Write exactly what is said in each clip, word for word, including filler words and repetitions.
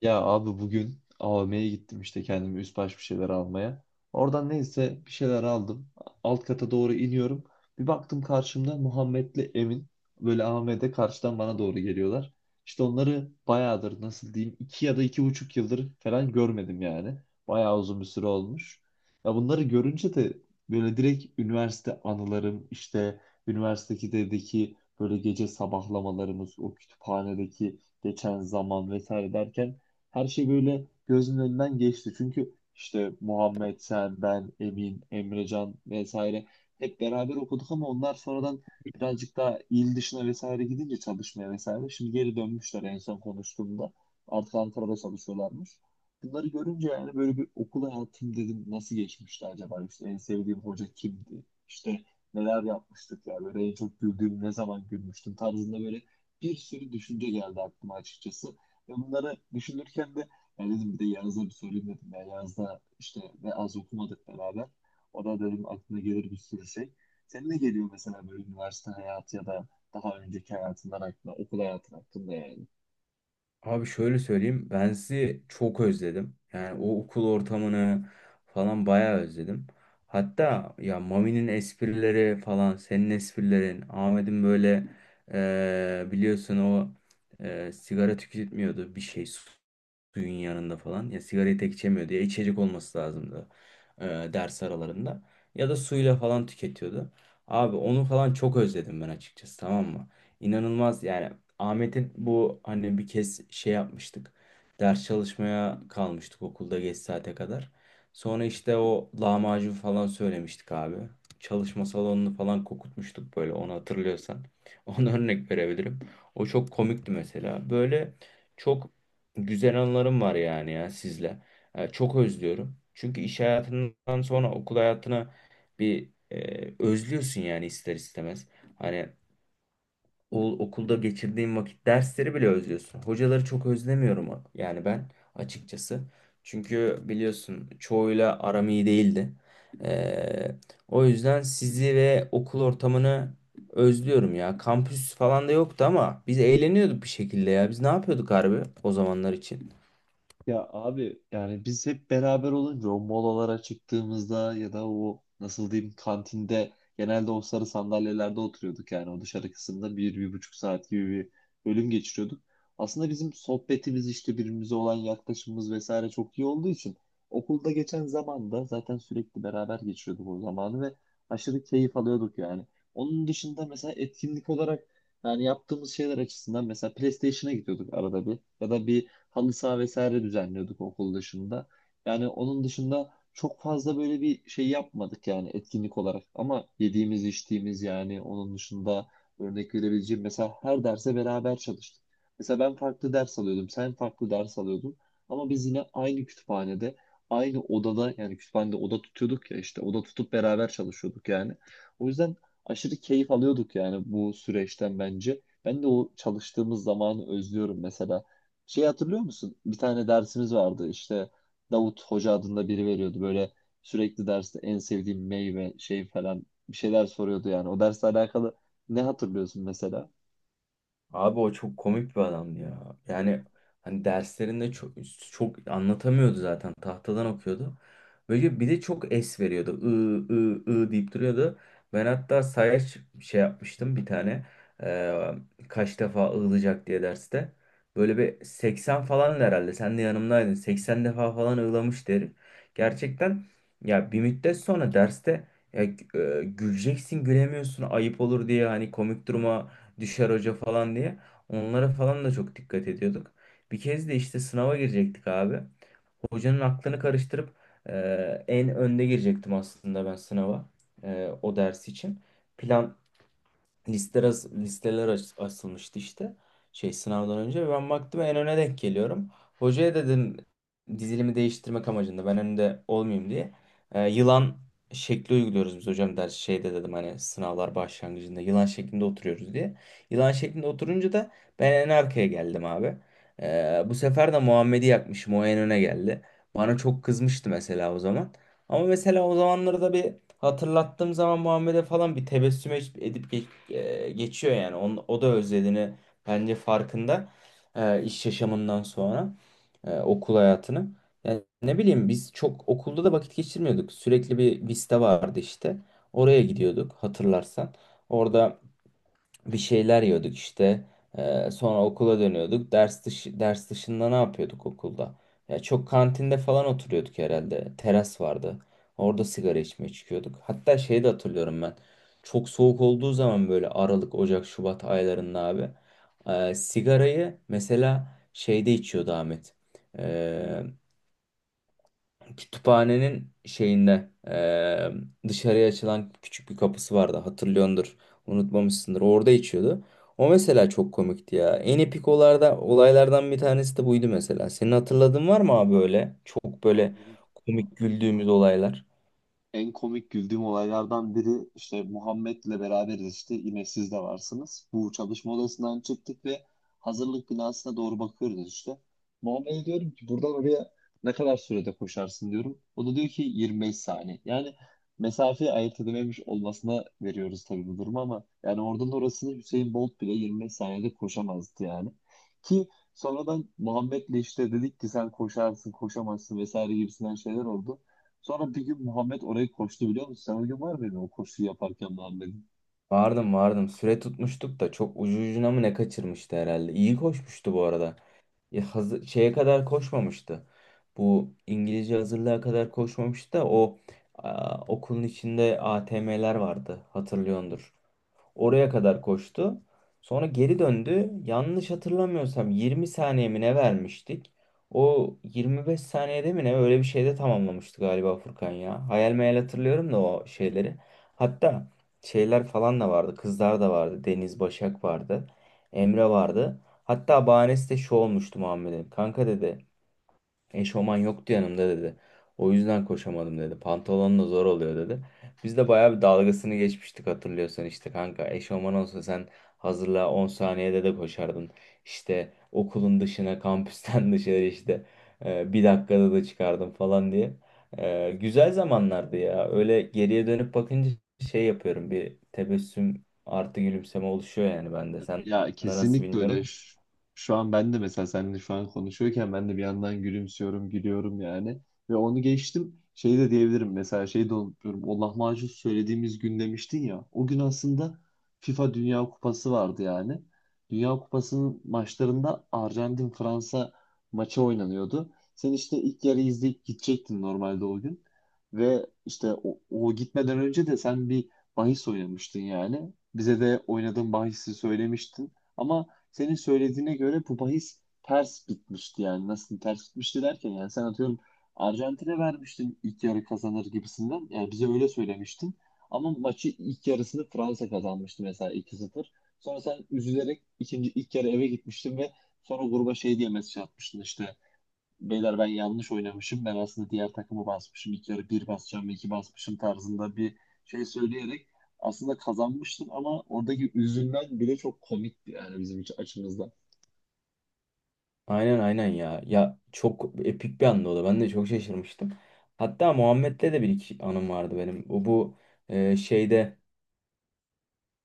Ya abi bugün A V M'ye gittim işte kendime üst baş bir şeyler almaya. Oradan neyse bir şeyler aldım. Alt kata doğru iniyorum. Bir baktım karşımda Muhammed'le Emin böyle A V M'de karşıdan bana doğru geliyorlar. İşte onları bayağıdır nasıl diyeyim iki ya da iki buçuk yıldır falan görmedim yani. Bayağı uzun bir süre olmuş. Ya bunları görünce de böyle direkt üniversite anılarım işte üniversitedeki böyle gece sabahlamalarımız o kütüphanedeki geçen zaman vesaire derken her şey böyle gözümün önünden geçti. Çünkü işte Muhammed, sen, ben, Emin, Emrecan vesaire hep beraber okuduk ama onlar sonradan birazcık daha il dışına vesaire gidince çalışmaya vesaire. Şimdi geri dönmüşler en son konuştuğumda. Artık Ankara'da çalışıyorlarmış. Bunları görünce yani böyle bir okul hayatım dedim nasıl geçmişti acaba? İşte en sevdiğim hoca kimdi? İşte neler yapmıştık ya? Böyle en çok güldüğüm ne zaman gülmüştüm tarzında böyle bir sürü düşünce geldi aklıma açıkçası. Ya bunları düşünürken de ya dedim bir de Yağız'a bir sorayım dedim. Ya Yağız da işte ve az okumadık beraber. O da dedim aklına gelir bir sürü şey. Senin ne geliyor mesela böyle üniversite hayatı ya da daha önceki hayatından aklına, okul hayatın hakkında yani? Abi şöyle söyleyeyim. Ben sizi çok özledim. Yani o okul ortamını falan bayağı özledim. Hatta ya Mami'nin esprileri falan, senin esprilerin, Ahmet'in böyle eee, biliyorsun o eee, sigara tüketmiyordu bir şey suyun yanında falan. Ya sigarayı tek içemiyordu, ya içecek olması lazımdı e, ders aralarında. Ya da suyla falan tüketiyordu. Abi onu falan çok özledim ben açıkçası, tamam mı? İnanılmaz yani. Ahmet'in bu, hani bir kez şey yapmıştık. Ders çalışmaya kalmıştık okulda geç saate kadar. Sonra işte o lahmacun falan söylemiştik abi. Çalışma salonunu falan kokutmuştuk böyle, onu hatırlıyorsan. Ona örnek verebilirim. O çok komikti mesela. Böyle çok güzel anılarım var yani ya sizle. E, çok özlüyorum. Çünkü iş hayatından sonra okul hayatına bir e, özlüyorsun yani ister istemez. Hani o, okulda geçirdiğim vakit, dersleri bile özlüyorsun. Hocaları çok özlemiyorum yani ben açıkçası. Çünkü biliyorsun çoğuyla aram iyi değildi. E, O yüzden sizi ve okul ortamını özlüyorum ya. Kampüs falan da yoktu ama biz eğleniyorduk bir şekilde ya. Biz ne yapıyorduk harbi o zamanlar için? Ya abi yani biz hep beraber olunca o molalara çıktığımızda ya da o nasıl diyeyim kantinde genelde o sarı sandalyelerde oturuyorduk yani o dışarı kısımda bir, bir buçuk saat gibi bir bölüm geçiriyorduk. Aslında bizim sohbetimiz işte birbirimize olan yaklaşımımız vesaire çok iyi olduğu için okulda geçen zamanda zaten sürekli beraber geçiriyorduk o zamanı ve aşırı keyif alıyorduk yani. Onun dışında mesela etkinlik olarak yani yaptığımız şeyler açısından mesela PlayStation'a gidiyorduk arada bir ya da bir halı saha vesaire düzenliyorduk okul dışında. Yani onun dışında çok fazla böyle bir şey yapmadık yani etkinlik olarak. Ama yediğimiz, içtiğimiz yani onun dışında örnek verebileceğim mesela her derse beraber çalıştık. Mesela ben farklı ders alıyordum, sen farklı ders alıyordun. Ama biz yine aynı kütüphanede, aynı odada yani kütüphanede oda tutuyorduk ya işte oda tutup beraber çalışıyorduk yani. O yüzden aşırı keyif alıyorduk yani bu süreçten bence. Ben de o çalıştığımız zamanı özlüyorum mesela. Şey hatırlıyor musun? Bir tane dersimiz vardı işte Davut Hoca adında biri veriyordu böyle sürekli derste en sevdiğim meyve şey falan bir şeyler soruyordu yani. O dersle alakalı ne hatırlıyorsun mesela? Abi o çok komik bir adamdı ya. Yani hani derslerinde çok, çok anlatamıyordu zaten. Tahtadan okuyordu. Böyle bir de çok es veriyordu. I, I, I deyip duruyordu. Ben hatta sayaç şey yapmıştım bir tane. Ee, Kaç defa ığılacak diye derste. Böyle bir seksen falan herhalde. Sen de yanımdaydın. seksen defa falan ığlamış derim. Gerçekten ya, bir müddet sonra derste ya, e, güleceksin gülemiyorsun, ayıp olur diye, hani komik duruma düşer hoca falan diye. Onlara falan da çok dikkat ediyorduk. Bir kez de işte sınava girecektik abi. Hocanın aklını karıştırıp e, en önde girecektim aslında ben sınava, e, o ders için. Plan listeler, listeler aç- asılmıştı işte şey, sınavdan önce ben baktım, en öne denk geliyorum. Hocaya dedim dizilimi değiştirmek amacında, ben önde olmayayım diye. Ee, yılan şekli uyguluyoruz biz hocam ders şeyde dedim, hani sınavlar başlangıcında yılan şeklinde oturuyoruz diye. Yılan şeklinde oturunca da ben en arkaya geldim abi. Ee, bu sefer de Muhammed'i yakmışım, o en öne geldi. Bana çok kızmıştı mesela o zaman. Ama mesela o zamanları da bir hatırlattığım zaman Muhammed'e falan, bir tebessüm edip edip geç- e, geçiyor yani. Onun, o da özlediğini bence farkında, e, iş yaşamından sonra e, okul hayatını. Yani ne bileyim, biz çok okulda da vakit geçirmiyorduk. Sürekli bir Vista vardı işte. Oraya gidiyorduk hatırlarsan. Orada bir şeyler yiyorduk işte. Ee, sonra okula dönüyorduk. Ders dışı, ders dışında ne yapıyorduk okulda? Ya çok kantinde falan oturuyorduk herhalde. Teras vardı. Orada sigara içmeye çıkıyorduk. Hatta şeyi de hatırlıyorum ben. Çok soğuk olduğu zaman, böyle Aralık, Ocak, Şubat aylarında abi, e, sigarayı mesela şeyde içiyordu Ahmet. Ee, Kütüphanenin şeyinde eee, dışarıya açılan küçük bir kapısı vardı, hatırlıyordur, unutmamışsındır, orada içiyordu. O mesela çok komikti ya. En epik olarda, olaylardan bir tanesi de buydu mesela. Senin hatırladığın var mı abi böyle? Çok böyle Abi komik güldüğümüz olaylar. en komik güldüğüm olaylardan biri işte Muhammed'le beraberiz işte yine siz de varsınız. Bu çalışma odasından çıktık ve hazırlık binasına doğru bakıyoruz işte. Muhammed'e diyorum ki buradan oraya ne kadar sürede koşarsın diyorum. O da diyor ki yirmi beş saniye. Yani mesafeyi ayırt edememiş olmasına veriyoruz tabii bu durumu ama yani oradan orasını Hüseyin Bolt bile yirmi beş saniyede koşamazdı yani. Ki sonradan Muhammed'le işte dedik ki sen koşarsın koşamazsın vesaire gibisinden şeyler oldu. Sonra bir gün Muhammed orayı koştu biliyor musun? Sen o gün var mıydın o koşuyu yaparken Muhammed? Vardım vardım. Süre tutmuştuk da çok ucu ucuna mı ne kaçırmıştı herhalde. İyi koşmuştu bu arada. Ya hazır, şeye kadar koşmamıştı. Bu İngilizce hazırlığa kadar koşmamıştı da o aa, okulun içinde A T M'ler vardı, hatırlıyordur. Oraya kadar koştu. Sonra geri döndü. Yanlış hatırlamıyorsam yirmi saniye mi ne vermiştik? O yirmi beş saniyede mi ne, öyle bir şeyde tamamlamıştı galiba Furkan ya. Hayal meyal hatırlıyorum da o şeyleri. Hatta şeyler falan da vardı. Kızlar da vardı. Deniz Başak vardı. Emre vardı. Hatta bahanesi de şu olmuştu Muhammed'in. Kanka dedi. Eşofman yoktu yanımda dedi. O yüzden koşamadım dedi. Pantolon da zor oluyor dedi. Biz de bayağı bir dalgasını geçmiştik hatırlıyorsan işte, kanka eşofman olsa sen hazırla on saniyede de koşardın. İşte okulun dışına, kampüsten dışarı işte e, bir dakikada da çıkardım falan diye. E, güzel zamanlardı ya. Öyle geriye dönüp bakınca şey yapıyorum. Bir tebessüm artı gülümseme oluşuyor yani bende. Sen Ya de nasıl kesinlikle öyle. bilmiyorum. Ş- Şu an ben de mesela seninle şu an konuşuyorken ben de bir yandan gülümsüyorum, gülüyorum yani. Ve onu geçtim. Şey de diyebilirim mesela şey de unutuyorum. O lahmacun söylediğimiz gün demiştin ya. O gün aslında FIFA Dünya Kupası vardı yani. Dünya Kupası'nın maçlarında Arjantin-Fransa maçı oynanıyordu. Sen işte ilk yarı izleyip gidecektin normalde o gün. Ve işte o, o gitmeden önce de sen bir bahis oynamıştın yani. Bize de oynadığın bahisi söylemiştin. Ama senin söylediğine göre bu bahis ters bitmişti yani. Nasıl ters bitmişti derken yani sen atıyorum Arjantin'e vermiştin ilk yarı kazanır gibisinden. Yani bize öyle söylemiştin. Ama maçı ilk yarısını Fransa kazanmıştı mesela iki sıfır. Sonra sen üzülerek ikinci ilk yarı eve gitmiştin ve sonra gruba şey diye mesaj atmıştın işte beyler ben yanlış oynamışım. Ben aslında diğer takımı basmışım. İlk yarı bir basacağım, iki basmışım tarzında bir şey söyleyerek aslında kazanmıştım ama oradaki üzülen bile çok komikti yani bizim için açımızdan. Aynen aynen ya. Ya çok epik bir anda o da. Ben de çok şaşırmıştım. Hatta Muhammed'le de bir iki anım vardı benim. O bu e, şeyde,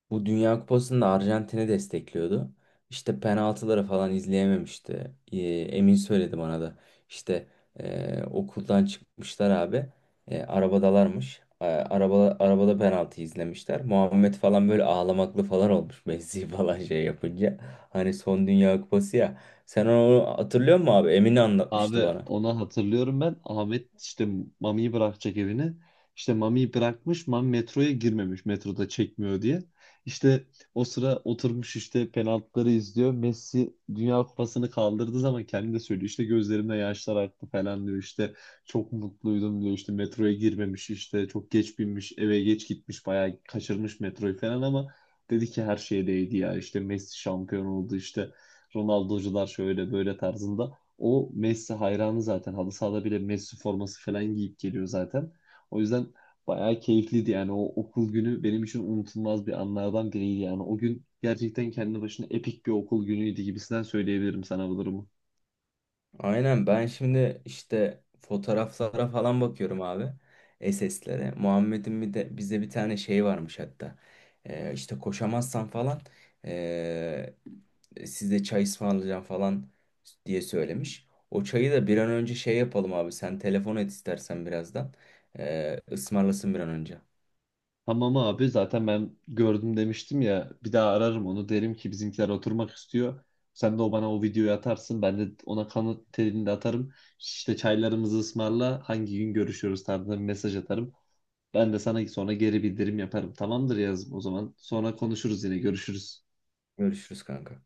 bu Dünya Kupası'nda Arjantin'i destekliyordu. İşte penaltıları falan izleyememişti. Ee, Emin söyledi bana da. İşte e, okuldan çıkmışlar abi. E, arabadalarmış. E, araba, arabada penaltı izlemişler. Muhammed falan böyle ağlamaklı falan olmuş. Messi falan şey yapınca. Hani son Dünya Kupası ya. Sen onu hatırlıyor musun abi? Emin Abi anlatmıştı bana. onu hatırlıyorum ben. Ahmet işte Mami'yi bırakacak evine. İşte Mami'yi bırakmış. Mami metroya girmemiş. Metroda çekmiyor diye. İşte o sıra oturmuş işte penaltıları izliyor. Messi Dünya Kupası'nı kaldırdığı zaman kendi de söylüyor. İşte gözlerimde yaşlar aktı falan diyor. İşte çok mutluydum diyor. İşte metroya girmemiş işte çok geç binmiş eve geç gitmiş bayağı kaçırmış metroyu falan ama dedi ki her şeye değdi ya. İşte Messi şampiyon oldu işte Ronaldo'cular şöyle böyle tarzında. O Messi hayranı zaten. Halı sahada bile Messi forması falan giyip geliyor zaten. O yüzden bayağı keyifliydi yani. O okul günü benim için unutulmaz bir anlardan biriydi yani. O gün gerçekten kendi başına epik bir okul günüydü gibisinden söyleyebilirim sana bu durumu. Aynen, ben şimdi işte fotoğraflara falan bakıyorum abi. S S'lere. Muhammed'in bir de bize bir tane şey varmış hatta. Ee, işte koşamazsan falan ee, size çay ısmarlayacağım falan diye söylemiş. O çayı da bir an önce şey yapalım abi. Sen telefon et istersen birazdan. Ee, ısmarlasın bir an önce. Tamam abi zaten ben gördüm demiştim ya. Bir daha ararım onu. Derim ki bizimkiler oturmak istiyor. Sen de o bana o videoyu atarsın. Ben de ona kanıt telini de atarım. İşte çaylarımızı ısmarla. Hangi gün görüşüyoruz tarzında bir mesaj atarım. Ben de sana sonra geri bildirim yaparım. Tamamdır yazım o zaman. Sonra konuşuruz yine görüşürüz. Görüşürüz kanka.